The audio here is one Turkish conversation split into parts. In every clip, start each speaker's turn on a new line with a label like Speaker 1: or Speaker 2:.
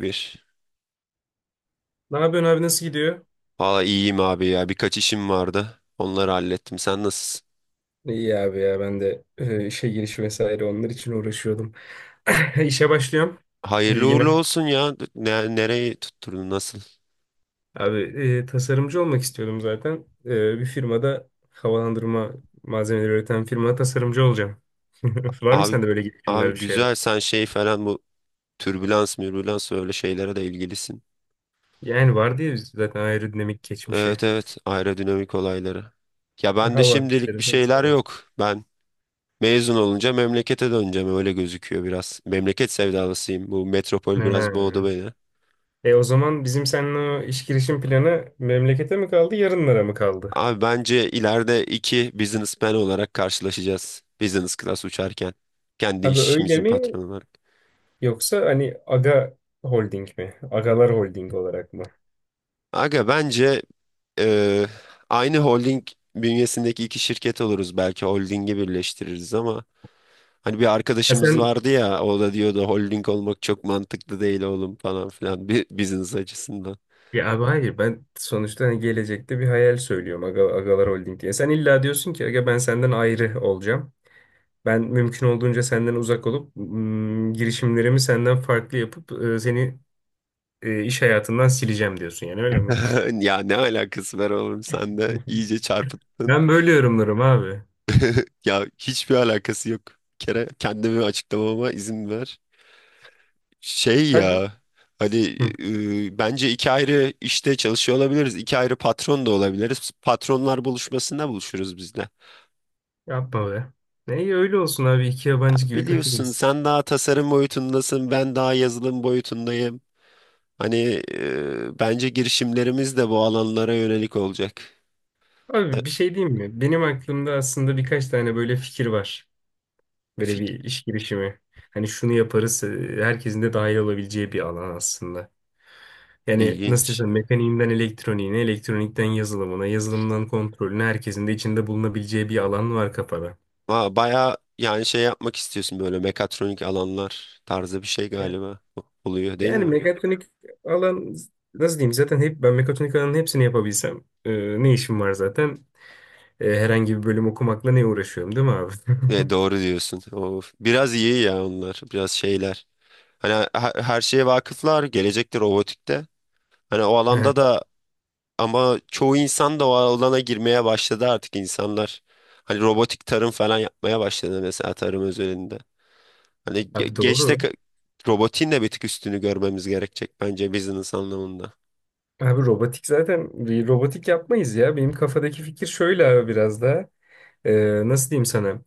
Speaker 1: Bir.
Speaker 2: Ne yapıyorsun abi, nasıl gidiyor?
Speaker 1: Valla iyiyim abi ya. Birkaç işim vardı. Onları hallettim. Sen nasılsın?
Speaker 2: İyi abi ya, ben de işe giriş vesaire onlar için uğraşıyordum. İşe başlıyorum.
Speaker 1: Hayırlı uğurlu
Speaker 2: Bilgine.
Speaker 1: olsun ya. Ne, nereyi tutturdun? Nasıl?
Speaker 2: Abi tasarımcı olmak istiyordum zaten. Bir firmada havalandırma malzemeleri üreten firmada tasarımcı olacağım. Var mı
Speaker 1: Abi
Speaker 2: sende böyle girişimler,
Speaker 1: abi
Speaker 2: bir şeyler?
Speaker 1: güzel. Sen şey falan bu türbülans, mürbülans öyle şeylere de ilgilisin.
Speaker 2: Yani var diye biz zaten aerodinamik geçmişi.
Speaker 1: Evet, evet. Aerodinamik olayları. Ya ben de
Speaker 2: Hava
Speaker 1: şimdilik bir
Speaker 2: akışları
Speaker 1: şeyler
Speaker 2: vesaire.
Speaker 1: yok. Ben mezun olunca memlekete döneceğim. Öyle gözüküyor biraz. Memleket sevdalısıyım. Bu metropol biraz boğdu
Speaker 2: Ha.
Speaker 1: beni.
Speaker 2: O zaman bizim seninle o iş girişim planı memlekete mi kaldı, yarınlara mı kaldı?
Speaker 1: Abi bence ileride iki businessman olarak karşılaşacağız. Business class uçarken. Kendi
Speaker 2: Abi öyle
Speaker 1: işimizin
Speaker 2: mi?
Speaker 1: patronu olarak.
Speaker 2: Yoksa hani Aga Holding mi? Agalar Holding olarak mı?
Speaker 1: Aga bence e, aynı holding bünyesindeki iki şirket oluruz. Belki holdingi birleştiririz ama hani bir
Speaker 2: Ha sen,
Speaker 1: arkadaşımız vardı ya o da diyordu holding olmak çok mantıklı değil oğlum falan filan bir business açısından.
Speaker 2: ya abi hayır, ben sonuçta hani gelecekte bir hayal söylüyorum, Aga, Agalar Holding diye. Sen illa diyorsun ki Aga, ben senden ayrı olacağım. Ben mümkün olduğunca senden uzak olup girişimlerimi senden farklı yapıp seni iş hayatından sileceğim diyorsun, yani öyle mi?
Speaker 1: Ya ne alakası var oğlum sen de iyice çarpıttın.
Speaker 2: Ben böyle yorumlarım abi.
Speaker 1: Ya hiçbir alakası yok. Bir kere kendimi açıklamama izin ver. Şey
Speaker 2: Hadi.
Speaker 1: ya hani
Speaker 2: Hı,
Speaker 1: bence iki ayrı işte çalışıyor olabiliriz. İki ayrı patron da olabiliriz. Patronlar buluşmasında buluşuruz biz de.
Speaker 2: yapma be. Ne iyi, öyle olsun abi, iki yabancı gibi
Speaker 1: Biliyorsun
Speaker 2: takılırız.
Speaker 1: sen daha tasarım boyutundasın, ben daha yazılım boyutundayım. Hani bence girişimlerimiz de bu alanlara yönelik olacak. E,
Speaker 2: Abi bir şey diyeyim mi? Benim aklımda aslında birkaç tane böyle fikir var. Böyle bir
Speaker 1: fik-
Speaker 2: iş girişimi. Hani şunu yaparız, herkesin de dahil olabileceği bir alan aslında. Yani nasıl diyeyim
Speaker 1: İlginç.
Speaker 2: sana, mekaniğinden elektroniğine, elektronikten yazılımına, yazılımdan kontrolüne herkesin de içinde bulunabileceği bir alan var kafada.
Speaker 1: Aa, bayağı yani şey yapmak istiyorsun böyle mekatronik alanlar tarzı bir şey
Speaker 2: Evet.
Speaker 1: galiba oluyor değil
Speaker 2: Yani
Speaker 1: mi?
Speaker 2: mekatronik alan nasıl diyeyim, zaten hep ben mekatronik alanın hepsini yapabilsem ne işim var zaten? E, herhangi bir bölüm okumakla ne uğraşıyorum değil mi abi?
Speaker 1: Doğru diyorsun. Of, biraz iyi ya onlar. Biraz şeyler. Hani her şeye vakıflar, gelecekte robotikte. Hani o alanda da ama çoğu insan da o alana girmeye başladı artık insanlar. Hani robotik tarım falan yapmaya başladı mesela tarım özelinde. Hani
Speaker 2: Abi
Speaker 1: geçte
Speaker 2: doğru.
Speaker 1: robotin de bir tık üstünü görmemiz gerekecek bence business anlamında.
Speaker 2: Abi robotik, zaten bir robotik yapmayız ya. Benim kafadaki fikir şöyle abi, biraz da. Nasıl diyeyim sana?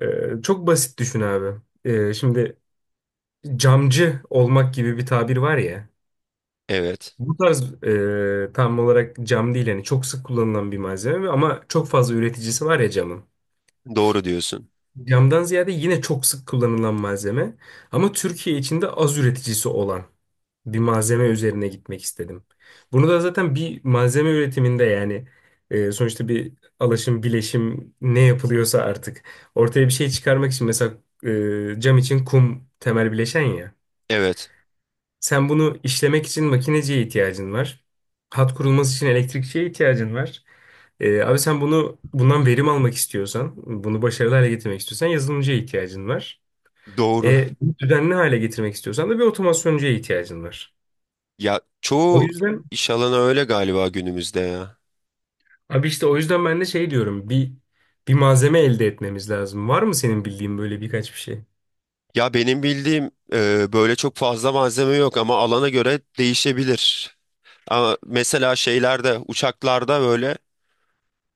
Speaker 2: Çok basit düşün abi. Şimdi camcı olmak gibi bir tabir var ya.
Speaker 1: Evet.
Speaker 2: Bu tarz tam olarak cam değil, yani çok sık kullanılan bir malzeme ama çok fazla üreticisi var ya camın.
Speaker 1: Doğru diyorsun.
Speaker 2: Camdan ziyade yine çok sık kullanılan malzeme ama Türkiye içinde az üreticisi olan bir malzeme üzerine gitmek istedim. Bunu da zaten bir malzeme üretiminde, yani sonuçta bir alaşım, bileşim ne yapılıyorsa artık ortaya bir şey çıkarmak için, mesela cam için kum temel bileşen ya.
Speaker 1: Evet.
Speaker 2: Sen bunu işlemek için makineciye ihtiyacın var. Hat kurulması için elektrikçiye ihtiyacın var. Abi sen bunu, bundan verim almak istiyorsan, bunu başarılı hale getirmek istiyorsan yazılımcıya ihtiyacın var.
Speaker 1: Doğru.
Speaker 2: E, bunu düzenli hale getirmek istiyorsan da bir otomasyoncuya ihtiyacın var.
Speaker 1: Ya
Speaker 2: O
Speaker 1: çoğu
Speaker 2: yüzden
Speaker 1: iş alanı öyle galiba günümüzde ya.
Speaker 2: abi, işte o yüzden ben de şey diyorum, bir malzeme elde etmemiz lazım. Var mı senin bildiğin böyle birkaç bir şey?
Speaker 1: Ya benim bildiğim böyle çok fazla malzeme yok ama alana göre değişebilir. Ama mesela şeylerde, uçaklarda böyle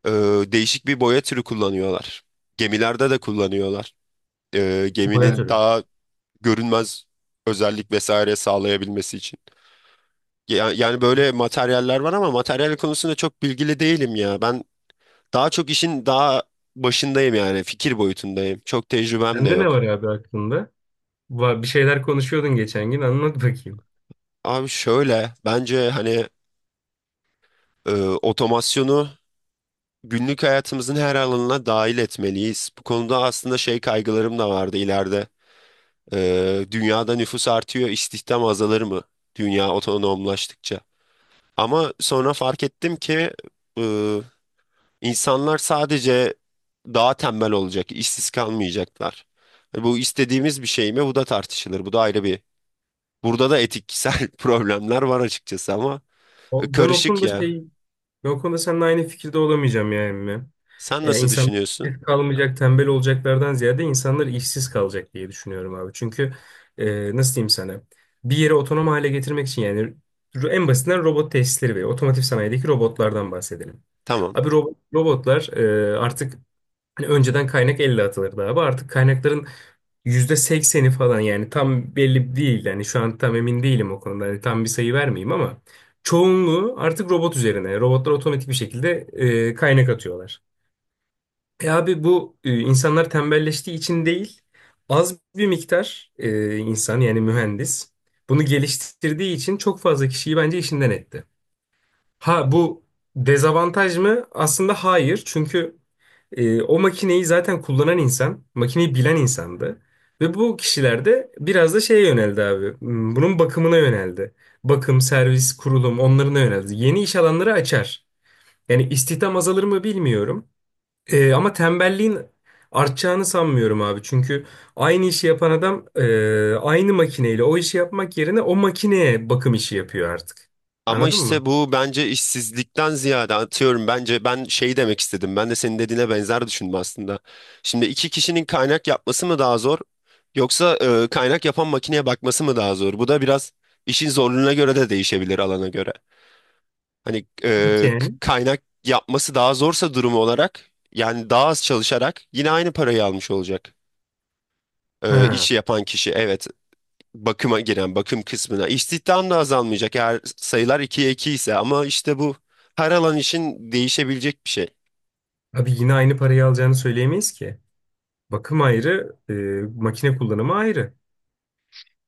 Speaker 1: e, değişik bir boya türü kullanıyorlar. Gemilerde de kullanıyorlar.
Speaker 2: Boya
Speaker 1: Geminin
Speaker 2: türü.
Speaker 1: daha görünmez özellik vesaire sağlayabilmesi için. Yani, böyle materyaller var ama materyal konusunda çok bilgili değilim ya. Ben daha çok işin daha başındayım yani fikir boyutundayım. Çok tecrübem de
Speaker 2: Sende ne
Speaker 1: yok.
Speaker 2: var abi aklında? Bir şeyler konuşuyordun geçen gün, anlat bakayım.
Speaker 1: Abi şöyle bence hani e, otomasyonu günlük hayatımızın her alanına dahil etmeliyiz. Bu konuda aslında şey kaygılarım da vardı ileride. Dünyada nüfus artıyor, istihdam azalır mı? Dünya otonomlaştıkça. Ama sonra fark ettim ki e, insanlar sadece daha tembel olacak, işsiz kalmayacaklar. Bu istediğimiz bir şey mi? Bu da tartışılır. Bu da ayrı bir. Burada da etiksel problemler var açıkçası ama
Speaker 2: Ben o
Speaker 1: karışık
Speaker 2: konuda
Speaker 1: ya.
Speaker 2: şey, ben o konuda seninle aynı fikirde olamayacağım ya emmi.
Speaker 1: Sen
Speaker 2: Ya
Speaker 1: nasıl
Speaker 2: insanlar
Speaker 1: düşünüyorsun?
Speaker 2: işsiz kalmayacak, tembel olacaklardan ziyade insanlar işsiz kalacak diye düşünüyorum abi. Çünkü nasıl diyeyim sana? Bir yeri otonom hale getirmek için, yani en basitinden robot tesisleri ve otomotiv sanayideki robotlardan bahsedelim.
Speaker 1: Tamam.
Speaker 2: Abi robotlar e, artık hani önceden kaynak %50 atılırdı abi. Artık kaynakların %80'i falan, yani tam belli değil. Yani şu an tam emin değilim o konuda. Hani tam bir sayı vermeyeyim ama çoğunluğu artık robot üzerine. Robotlar otomatik bir şekilde kaynak atıyorlar. E abi bu, insanlar tembelleştiği için değil, az bir miktar insan, yani mühendis bunu geliştirdiği için çok fazla kişiyi bence işinden etti. Ha bu dezavantaj mı? Aslında hayır. Çünkü o makineyi zaten kullanan insan, makineyi bilen insandı. Ve bu kişiler de biraz da şeye yöneldi abi. Hmm, bunun bakımına yöneldi. Bakım, servis, kurulum onlarına yöneldi. Yeni iş alanları açar. Yani istihdam azalır mı bilmiyorum. E, ama tembelliğin artacağını sanmıyorum abi. Çünkü aynı işi yapan adam aynı makineyle o işi yapmak yerine o makineye bakım işi yapıyor artık.
Speaker 1: Ama
Speaker 2: Anladın mı?
Speaker 1: işte bu bence işsizlikten ziyade atıyorum bence ben şey demek istedim. Ben de senin dediğine benzer düşündüm aslında. Şimdi iki kişinin kaynak yapması mı daha zor yoksa kaynak yapan makineye bakması mı daha zor? Bu da biraz işin zorluğuna göre de değişebilir alana göre. Hani
Speaker 2: Nasıl yani?
Speaker 1: kaynak yapması daha zorsa durumu olarak yani daha az çalışarak yine aynı parayı almış olacak
Speaker 2: Ha,
Speaker 1: işi yapan kişi. Evet, bakıma giren bakım kısmına istihdam da azalmayacak eğer sayılar 2'ye 2 ise ama işte bu her alan için değişebilecek bir şey.
Speaker 2: abi yine aynı parayı alacağını söyleyemeyiz ki. Bakım ayrı, makine kullanımı ayrı.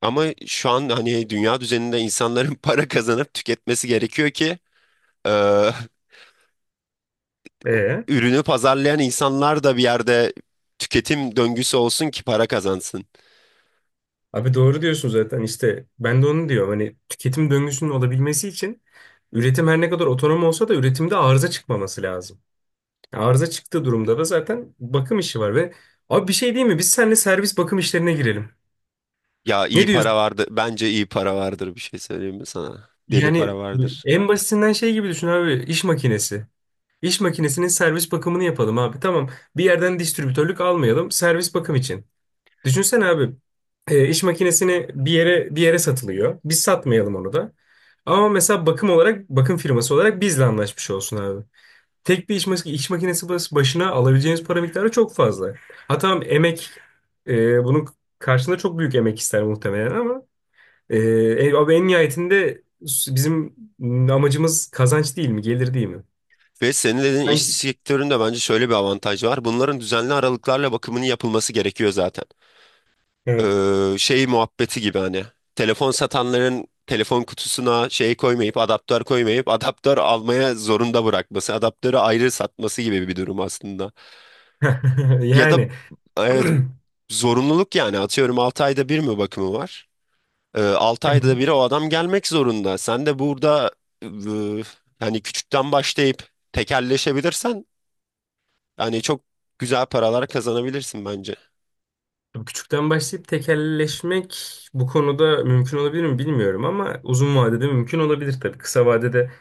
Speaker 1: Ama şu an hani dünya düzeninde insanların para kazanıp tüketmesi gerekiyor ki e,
Speaker 2: E,
Speaker 1: ürünü pazarlayan insanlar da bir yerde tüketim döngüsü olsun ki para kazansın.
Speaker 2: abi doğru diyorsun, zaten işte ben de onu diyorum. Hani tüketim döngüsünün olabilmesi için üretim her ne kadar otonom olsa da üretimde arıza çıkmaması lazım. Arıza çıktığı durumda da zaten bakım işi var ve abi bir şey değil mi? Biz seninle servis bakım işlerine girelim.
Speaker 1: Ya iyi
Speaker 2: Ne
Speaker 1: para
Speaker 2: diyorsun?
Speaker 1: vardı. Bence iyi para vardır bir şey söyleyeyim mi sana? Deli
Speaker 2: Yani
Speaker 1: para vardır.
Speaker 2: en basitinden şey gibi düşün abi, iş makinesi. İş makinesinin servis bakımını yapalım abi. Tamam. Bir yerden distribütörlük almayalım. Servis bakım için. Düşünsene abi, iş makinesini bir yere satılıyor. Biz satmayalım onu da. Ama mesela bakım olarak, bakım firması olarak bizle anlaşmış olsun abi. Tek bir iş, iş makinesi başına alabileceğiniz para miktarı çok fazla. Ha tamam, emek, bunun karşılığında çok büyük emek ister muhtemelen ama abi en nihayetinde bizim amacımız kazanç değil mi? Gelir değil mi?
Speaker 1: Ve senin dediğin iş
Speaker 2: Sanki.
Speaker 1: sektöründe bence şöyle bir avantaj var. Bunların düzenli aralıklarla bakımının yapılması gerekiyor zaten.
Speaker 2: Evet.
Speaker 1: Şey muhabbeti gibi hani telefon satanların telefon kutusuna şey koymayıp adaptör koymayıp adaptör almaya zorunda bırakması, adaptörü ayrı satması gibi bir durum aslında. Ya da
Speaker 2: Yani
Speaker 1: evet, zorunluluk yani atıyorum 6 ayda bir mi bakımı var? 6 ayda bir o adam gelmek zorunda. Sen de burada e, hani küçükten başlayıp tekelleşebilirsen yani çok güzel paralar kazanabilirsin bence.
Speaker 2: tabii. Küçükten başlayıp tekelleşmek bu konuda mümkün olabilir mi bilmiyorum ama uzun vadede mümkün olabilir tabii. Kısa vadede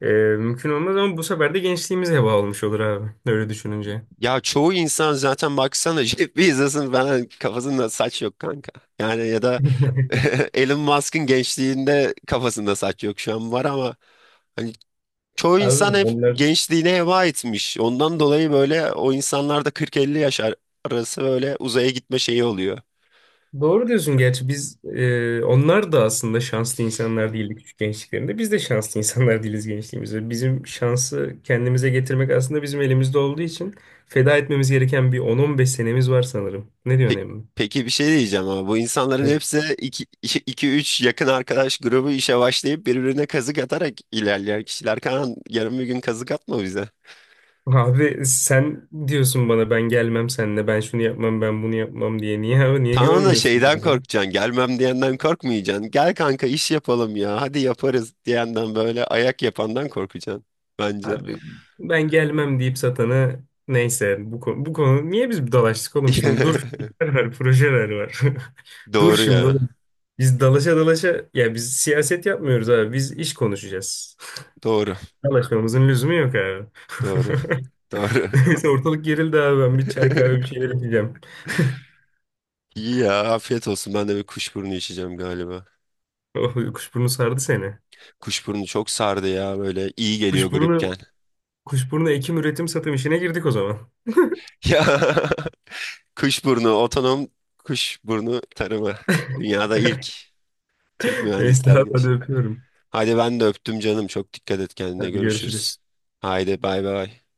Speaker 2: e, mümkün olmaz, ama bu sefer de gençliğimiz heba olmuş olur abi öyle düşününce.
Speaker 1: Ya çoğu insan zaten baksana Jeff Bezos'un falan kafasında saç yok kanka. Yani ya da Elon Musk'ın gençliğinde kafasında saç yok şu an var ama hani çoğu insan
Speaker 2: Abi
Speaker 1: hep
Speaker 2: onlar,
Speaker 1: gençliğine heba etmiş. Ondan dolayı böyle o insanlar da 40-50 yaş arası böyle uzaya gitme şeyi oluyor.
Speaker 2: doğru diyorsun, gerçi biz, onlar da aslında şanslı insanlar değildi küçük gençliklerinde. Biz de şanslı insanlar değiliz gençliğimizde. Bizim şansı kendimize getirmek aslında bizim elimizde olduğu için feda etmemiz gereken bir 10-15 senemiz var sanırım. Ne
Speaker 1: Pe-
Speaker 2: diyorsun Emre?
Speaker 1: Peki bir şey diyeceğim ama bu insanların hepsi iki üç yakın arkadaş grubu işe başlayıp birbirine kazık atarak ilerleyen kişiler. Kaan yarın bir gün kazık atma bize.
Speaker 2: Abi sen diyorsun bana, ben gelmem seninle, ben şunu yapmam, ben bunu yapmam diye. Niye abi, niye
Speaker 1: Tamam da
Speaker 2: güvenmiyorsun
Speaker 1: şeyden
Speaker 2: bana ya?
Speaker 1: korkacaksın, gelmem diyenden korkmayacaksın. Gel kanka iş yapalım ya, hadi yaparız diyenden böyle ayak yapandan korkacaksın bence.
Speaker 2: Abi ben gelmem deyip satana, neyse bu konu, bu konu niye biz dalaştık oğlum şimdi? Dur, fikirler var, projeler var. Dur
Speaker 1: Doğru
Speaker 2: şimdi
Speaker 1: ya,
Speaker 2: oğlum. Biz dalaşa dalaşa, ya biz siyaset yapmıyoruz abi, biz iş konuşacağız.
Speaker 1: doğru,
Speaker 2: Dalaşmamızın lüzumu yok abi.
Speaker 1: doğru. Doğru.
Speaker 2: Neyse, ortalık gerildi abi, ben bir çay kahve bir şeyler içeceğim.
Speaker 1: İyi ya afiyet olsun. Ben de bir kuşburnu içeceğim galiba.
Speaker 2: Oh, kuşburnu sardı seni.
Speaker 1: Kuşburnu çok sardı ya böyle iyi geliyor gripken.
Speaker 2: Kuşburnu Kuşburnu ekim, üretim, satım işine girdik o zaman.
Speaker 1: Ya kuşburnu otonom kuşburnu tarımı. Dünyada ilk Türk
Speaker 2: Neyse
Speaker 1: mühendisler
Speaker 2: abi, hadi
Speaker 1: geç.
Speaker 2: öpüyorum.
Speaker 1: Hadi ben de öptüm canım. Çok dikkat et kendine
Speaker 2: Hadi görüşürüz.
Speaker 1: görüşürüz. Haydi bay bay.